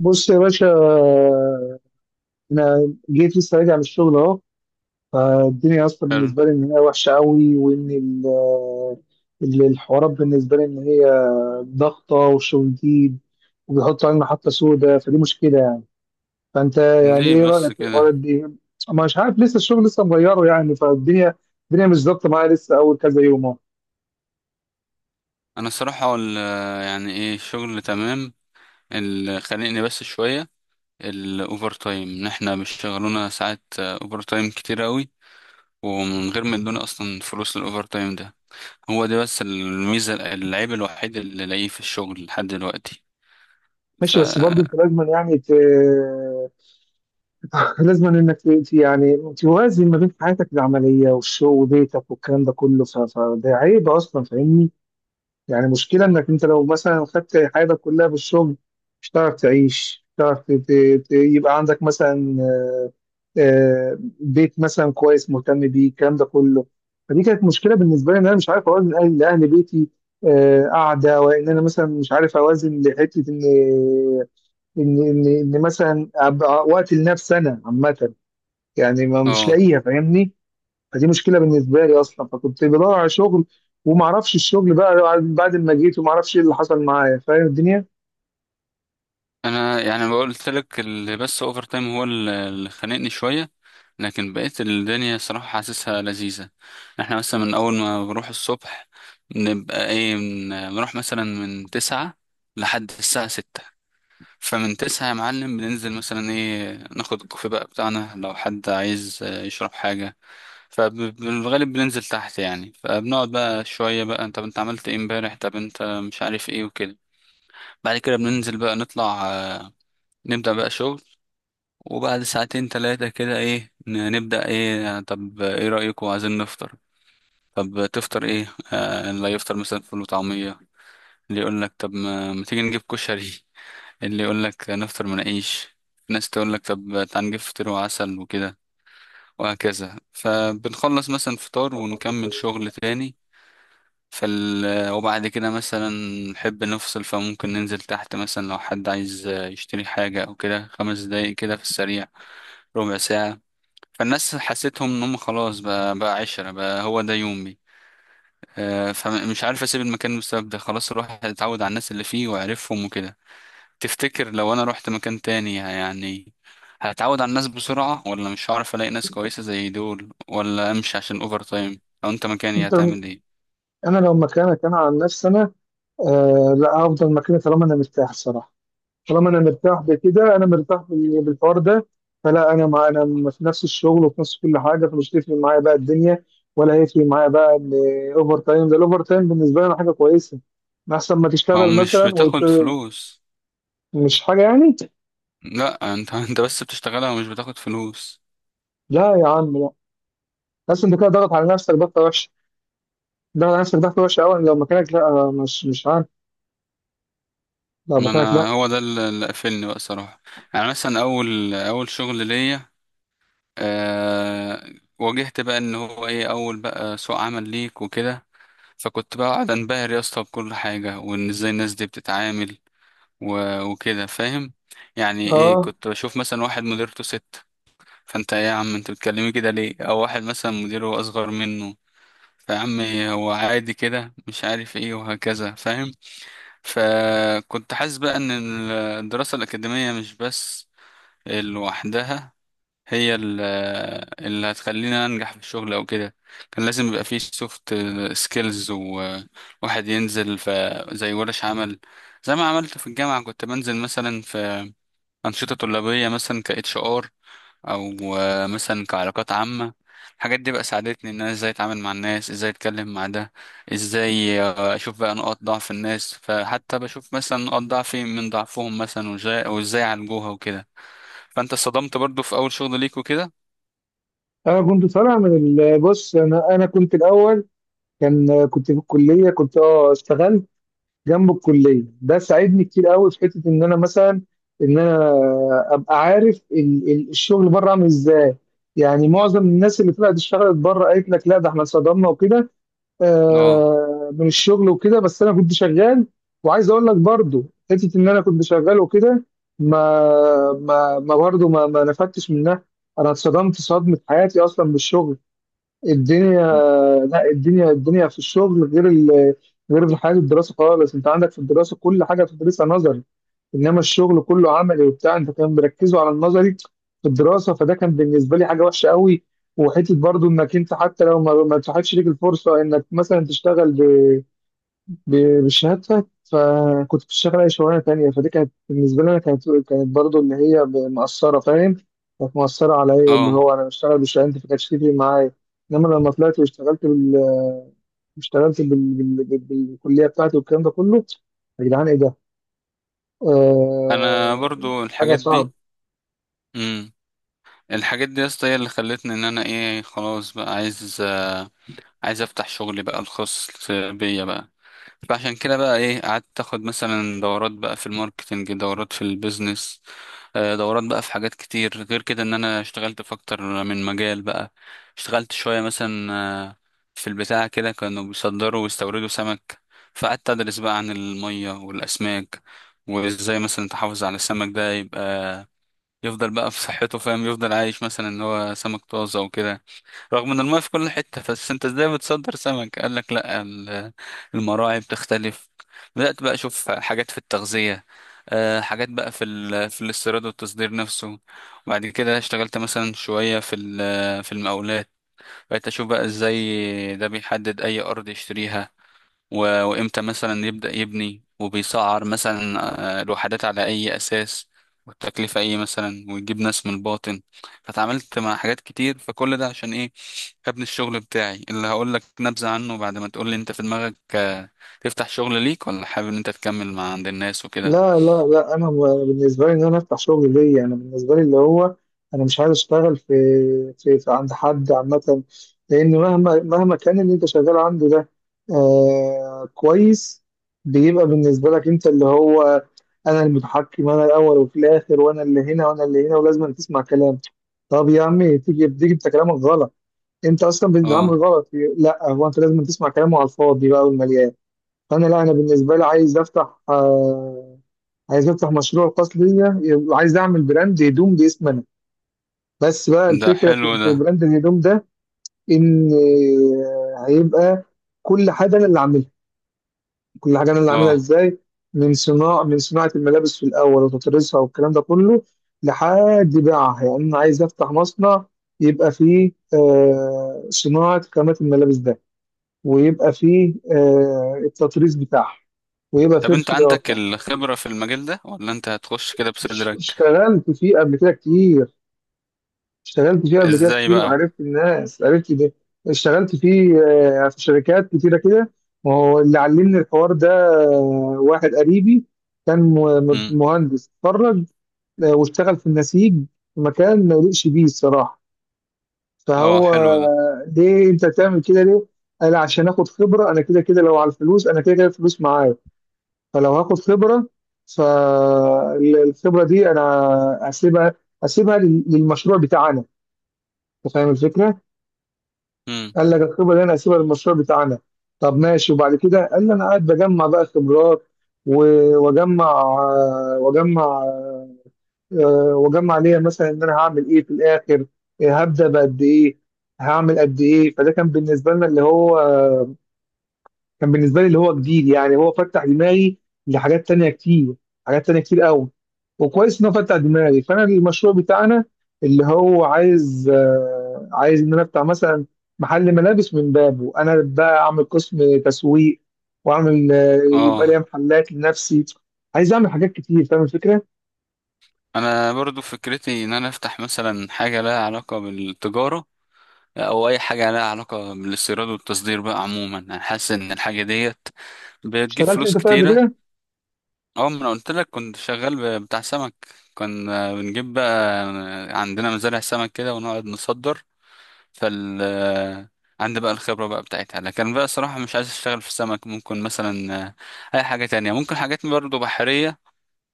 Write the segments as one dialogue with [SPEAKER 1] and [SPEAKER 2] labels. [SPEAKER 1] بص يا باشا، انا جيت لسه راجع من الشغل اهو. فالدنيا اصلا
[SPEAKER 2] حلو.
[SPEAKER 1] بالنسبه لي ان هي وحشه قوي، وان الحوارات بالنسبه لي ان هي ضغطه وشغل جديد، وبيحطوا علينا محطه سوداء، فدي مشكله يعني. فانت يعني
[SPEAKER 2] ليه
[SPEAKER 1] ايه
[SPEAKER 2] بس
[SPEAKER 1] رايك في
[SPEAKER 2] كده؟
[SPEAKER 1] الحوارات دي؟ ما مش عارف، لسه الشغل لسه مغيره يعني فالدنيا. الدنيا مش ظابطه معايا لسه اول كذا يوم اهو.
[SPEAKER 2] انا الصراحه يعني ايه، الشغل تمام. اللي خانقني بس شويه الاوفر تايم، ان احنا بيشتغلونا ساعات اوفر تايم كتير قوي، ومن غير ما يدونا اصلا فلوس الاوفر تايم ده. هو ده بس الميزه، العيب الوحيد اللي لاقيه في الشغل لحد دلوقتي. ف
[SPEAKER 1] ماشي، بس برضه انت لازم يعني لازم انك يعني توازن ما بين حياتك العمليه والشغل وبيتك والكلام ده كله، فده عيب اصلا فاهمني. يعني مشكله انك انت لو مثلا خدت حياتك كلها في الشغل، مش هتعرف تعيش، مش هتعرف يبقى عندك مثلا بيت مثلا كويس مهتم بيه الكلام ده كله. فدي كانت مشكله بالنسبه لي ان انا مش عارف اوازن اهل لاهل بيتي، قاعده، وان انا مثلا مش عارف اوازن لحته ان ان ان إن مثلا أبقى وقت لنفسي انا عامه، يعني ما مش
[SPEAKER 2] اه
[SPEAKER 1] لاقيها فاهمني. فدي مشكله بالنسبه لي اصلا، فكنت بدور على شغل، وما اعرفش الشغل بقى بعد ما جيت، وما اعرفش ايه اللي حصل معايا فاهم الدنيا.
[SPEAKER 2] انا يعني قلت لك اللي بس اوفر تايم هو اللي خانقني شويه، لكن بقيت الدنيا صراحه حاسسها لذيذه. احنا مثلا من اول ما بنروح الصبح، نبقى ايه، بنروح مثلا من تسعة لحد الساعه ستة. فمن تسعة يا معلم بننزل مثلا ايه، ناخد الكوفي بقى بتاعنا لو حد عايز يشرب حاجه. فبالغالب بننزل تحت يعني، فبنقعد بقى شويه بقى: طب انت عملت ايه امبارح، طب انت مش عارف ايه، وكده. بعد كده بننزل بقى، نطلع نبدأ بقى شغل. وبعد ساعتين تلاتة كده ايه نبدأ ايه، طب ايه رأيكم، عايزين نفطر؟ طب تفطر ايه؟ آه اللي يفطر مثلا فول وطعمية، اللي يقول لك طب ما تيجي نجيب كشري، اللي يقول لك نفطر مناقيش، ناس تقول لك طب تعال نجيب فطير وعسل وكده. وهكذا. فبنخلص مثلا فطار ونكمل شغل تاني. وبعد كده مثلا نحب نفصل، فممكن ننزل تحت مثلا لو حد عايز يشتري حاجة أو كده، خمس دقايق كده في السريع، ربع ساعة. فالناس حسيتهم ان هم خلاص بقى، عشرة بقى هو ده يومي. فمش عارف اسيب المكان بسبب ده، خلاص الواحد اتعود على الناس اللي فيه وعرفهم وكده. تفتكر لو انا رحت مكان تاني يعني هتعود على الناس بسرعة، ولا مش هعرف الاقي ناس كويسة زي دول، ولا امشي عشان اوفر تايم؟ لو انت مكاني
[SPEAKER 1] انت،
[SPEAKER 2] هتعمل ايه؟
[SPEAKER 1] انا لو مكانك، انا عن نفسي انا، آه لا هفضل مكاني طالما انا مرتاح الصراحه. طالما انا مرتاح بكده، انا مرتاح بالحوار ده. فلا، انا مع انا في نفس الشغل وفي نفس كل حاجه، فمش هتفرق معايا بقى الدنيا، ولا هيفرق معايا بقى الاوفر تايم ده. الاوفر تايم بالنسبه لي أنا حاجه كويسه، احسن ما
[SPEAKER 2] ما هو
[SPEAKER 1] تشتغل
[SPEAKER 2] مش
[SPEAKER 1] مثلا
[SPEAKER 2] بتاخد
[SPEAKER 1] وت-
[SPEAKER 2] فلوس.
[SPEAKER 1] مش حاجه يعني.
[SPEAKER 2] لا انت انت بس بتشتغلها ومش بتاخد فلوس.
[SPEAKER 1] لا يا عم لا، بس انت كده ضغط على نفسك ضغطه وحشه. ضغط على نفسك ضغطه وحشه قوي، لو مكانك لا، مش عارف. لو
[SPEAKER 2] ما
[SPEAKER 1] مكانك لا.
[SPEAKER 2] انا هو ده اللي قفلني بقى صراحة. يعني مثلا اول شغل ليا، آه، واجهت بقى ان هو ايه، اول بقى سوق عمل ليك وكده. فكنت بقى قاعد انبهر يا اسطى بكل حاجه، وان ازاي الناس دي بتتعامل وكده، فاهم؟ يعني ايه،
[SPEAKER 1] اه.
[SPEAKER 2] كنت بشوف مثلا واحد مديرته ست، فانت إيه يا عم انت بتكلمي كده ليه؟ او واحد مثلا مديره اصغر منه، فعم، هو عادي كده، مش عارف ايه وهكذا، فاهم؟ فكنت حاسس بقى ان الدراسه الاكاديميه مش بس لوحدها هي ال- اللي هتخليني انجح في الشغل او كده. كان لازم يبقى فيه سوفت سكيلز، وواحد ينزل في زي ورش عمل. زي ما عملت في الجامعة، كنت بنزل مثلا في أنشطة طلابية مثلا ك اتش ار، او مثلا كعلاقات عامة. الحاجات دي بقى ساعدتني ان انا ازاي اتعامل مع الناس، ازاي اتكلم مع ده، ازاي اشوف بقى نقاط ضعف الناس، فحتى بشوف مثلا نقاط ضعفي من ضعفهم مثلا، وازاي عالجوها وكده. فانت اتصدمت برضو في اول شغل ليك وكده؟
[SPEAKER 1] انا كنت طالع بص انا كنت الاول، كنت في الكليه، كنت اه اشتغلت جنب الكليه، ده ساعدني كتير قوي في حته ان انا مثلا، ان انا ابقى عارف الشغل بره عامل ازاي. يعني معظم الناس اللي طلعت اشتغلت بره قالت لك لا، ده احنا اتصدمنا وكده
[SPEAKER 2] اه.
[SPEAKER 1] من الشغل وكده، بس انا كنت شغال. وعايز اقول لك برضو، حته ان انا كنت شغال وكده، ما ما ما برضو ما نفدتش منها. انا اتصدمت صدمه حياتي اصلا بالشغل. الدنيا، لا الدنيا، الدنيا في الشغل غير ال... غير في حياه الدراسه خالص. انت عندك في الدراسه كل حاجه بتدرسها نظري، انما الشغل كله عملي وبتاع. انت كان بيركزوا على النظري في الدراسه، فده كان بالنسبه لي حاجه وحشه قوي. وحته برضو انك انت حتى لو ما اتاحتش ليك الفرصه انك مثلا تشتغل بشهادتك، فكنت بتشتغل اي شغلانه تانيه، فدي كانت بالنسبه لي انا، كانت كانت اللي هي مأثره فاهم. كانت مأثره على ايه اللي
[SPEAKER 2] اه
[SPEAKER 1] هو انا بشتغل بشهادتي، فكانتش تفرق معايا. انما لما طلعت واشتغلت بال... اشتغلت بالكليه بتاعتي والكلام ده كله، يا جدعان ايه ده؟
[SPEAKER 2] انا
[SPEAKER 1] آه...
[SPEAKER 2] برضو
[SPEAKER 1] حاجه
[SPEAKER 2] الحاجات
[SPEAKER 1] صعبه.
[SPEAKER 2] دي. امم الحاجات دي يا اسطى هي اللي خلتني ان انا ايه، خلاص بقى عايز عايز افتح شغلي بقى الخاص بيا بقى. فعشان كده بقى ايه، قعدت اخد مثلا دورات بقى في الماركتنج، دورات في البيزنس، دورات بقى في حاجات كتير. غير كده ان انا اشتغلت في اكتر من مجال بقى. اشتغلت شوية مثلا في البتاع كده كانوا بيصدروا ويستوردوا سمك، فقعدت ادرس بقى عن المية والاسماك، وازاي مثلا تحافظ على السمك ده يبقى يفضل بقى في صحته، فاهم، يفضل عايش مثلا ان هو سمك طازة وكده. رغم ان الماء في كل حتة، بس انت ازاي بتصدر سمك؟ قال لك لا، المراعي بتختلف. بدأت بقى اشوف حاجات في التغذية، حاجات بقى في الاستيراد والتصدير نفسه. وبعد كده اشتغلت مثلا شوية في المقاولات. بقيت اشوف بقى ازاي ده بيحدد اي ارض يشتريها وامتى مثلا يبدأ يبني، وبيسعر مثلا الوحدات على اي اساس، والتكلفة ايه مثلا، ويجيب ناس من الباطن. فتعاملت مع حاجات كتير. فكل ده عشان ايه؟ ابن الشغل بتاعي اللي هقول لك نبذة عنه بعد ما تقول لي انت في دماغك تفتح شغل ليك، ولا حابب ان انت تكمل مع عند الناس وكده.
[SPEAKER 1] لا انا بالنسبه لي ان انا افتح شغل ليا، انا بالنسبه لي اللي هو، انا مش عايز اشتغل في عند حد عامه. لان مهما كان اللي انت شغال عنده ده، آه كويس، بيبقى بالنسبه لك انت اللي هو، انا المتحكم انا الاول وفي الاخر، وانا اللي هنا وانا اللي هنا، ولازم أن تسمع كلام. طب يا عمي، تيجي انت كلامك غلط، انت اصلا بتتعامل
[SPEAKER 2] اه
[SPEAKER 1] غلط. لا، هو انت لازم تسمع كلامه على الفاضي بقى والمليان. فانا لا انا بالنسبه لي عايز افتح آه، عايز افتح مشروع خاص ليا، وعايز اعمل براند هدوم باسم انا. بس بقى
[SPEAKER 2] ده
[SPEAKER 1] الفكره في
[SPEAKER 2] حلو ده.
[SPEAKER 1] في براند الهدوم ده، ان هيبقى كل حاجه انا اللي عاملها. كل حاجه انا اللي عاملها
[SPEAKER 2] اه
[SPEAKER 1] ازاي، من صناعه الملابس في الاول وتطريزها والكلام ده كله لحد بيعها. يعني انا عايز افتح مصنع، يبقى فيه صناعه خامات الملابس ده، ويبقى فيه التطريز بتاعها، ويبقى
[SPEAKER 2] طب
[SPEAKER 1] فيه
[SPEAKER 2] انت عندك
[SPEAKER 1] الخياطه.
[SPEAKER 2] الخبرة في المجال ده ولا انت هتخش كده بصدرك؟
[SPEAKER 1] اشتغلت فيه قبل كده كتير. اشتغلت فيه قبل كده
[SPEAKER 2] ازاي
[SPEAKER 1] كتير،
[SPEAKER 2] بقى؟
[SPEAKER 1] وعرفت الناس، عرفت ده. اشتغلت فيه في شركات كتيرة كده، وهو اللي علمني الحوار ده. آه، واحد قريبي كان م-
[SPEAKER 2] امم
[SPEAKER 1] مهندس اتخرج، واشتغل في النسيج في مكان ما يليقش بيه الصراحة.
[SPEAKER 2] اه
[SPEAKER 1] فهو
[SPEAKER 2] حلو ده.
[SPEAKER 1] آه، ليه انت تعمل كده ليه؟ قال عشان اخد خبرة، انا كده كده لو على الفلوس انا كده كده الفلوس معايا، فلو هاخد خبرة، فالخبرة دي انا هسيبها هسيبها للمشروع بتاعنا. انت فاهم الفكرة؟
[SPEAKER 2] امم
[SPEAKER 1] قال لك الخبره اللي انا هسيبها للمشروع بتاعنا. طب ماشي. وبعد كده قال لي انا قاعد بجمع بقى خبرات، واجمع واجمع ليا مثلا ان انا هعمل ايه في الاخر، هبدا بقد ايه، هعمل قد ايه. فده كان بالنسبه لنا اللي هو، كان بالنسبه لي اللي هو جديد، يعني هو فتح دماغي لحاجات تانية كتير، حاجات تانية كتير قوي. وكويس ان هو فتح دماغي، فانا المشروع بتاعنا اللي هو عايز آه، عايز ان انا افتح مثلا محل ملابس، من بابه انا بقى اعمل قسم تسويق، واعمل يبقى
[SPEAKER 2] اه
[SPEAKER 1] ليا محلات لنفسي. عايز اعمل حاجات كتير فاهم الفكره.
[SPEAKER 2] انا برضو فكرتي ان انا افتح مثلا حاجة لها علاقة بالتجارة، او اي حاجة لها علاقة بالاستيراد والتصدير بقى عموما. انا حاسس ان الحاجة ديت بتجيب
[SPEAKER 1] اشتغلت
[SPEAKER 2] فلوس
[SPEAKER 1] انت طيب قبل
[SPEAKER 2] كتيرة.
[SPEAKER 1] كده؟
[SPEAKER 2] اه ما انا قلت لك كنت شغال بتاع سمك. كنا بنجيب بقى، عندنا مزارع سمك كده ونقعد نصدر. فال عندي بقى الخبرة بقى بتاعتها، لكن بقى صراحة مش عايز اشتغل في السمك. ممكن مثلا اي حاجة تانية، ممكن حاجات برضه بحرية،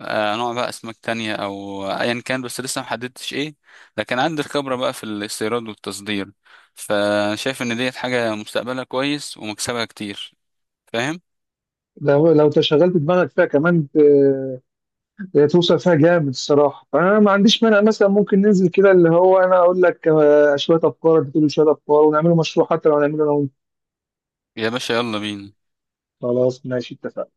[SPEAKER 2] نوع بقى اسماك تانية او ايا كان، بس لسه محددتش ايه. لكن عندي الخبرة بقى في الاستيراد والتصدير. فشايف ان ديت حاجة مستقبلها كويس ومكسبها كتير، فاهم؟
[SPEAKER 1] لو تشغلت دماغك فيها كمان، هي توصل فيها جامد الصراحه. فانا ما عنديش مانع، مثلا ممكن ننزل كده اللي هو، انا اقول لك شويه افكار، انت تقول لي شويه افكار، ونعمله مشروع، حتى لو هنعمله انا وانت.
[SPEAKER 2] يا باشا يلا بينا.
[SPEAKER 1] خلاص ماشي اتفقنا.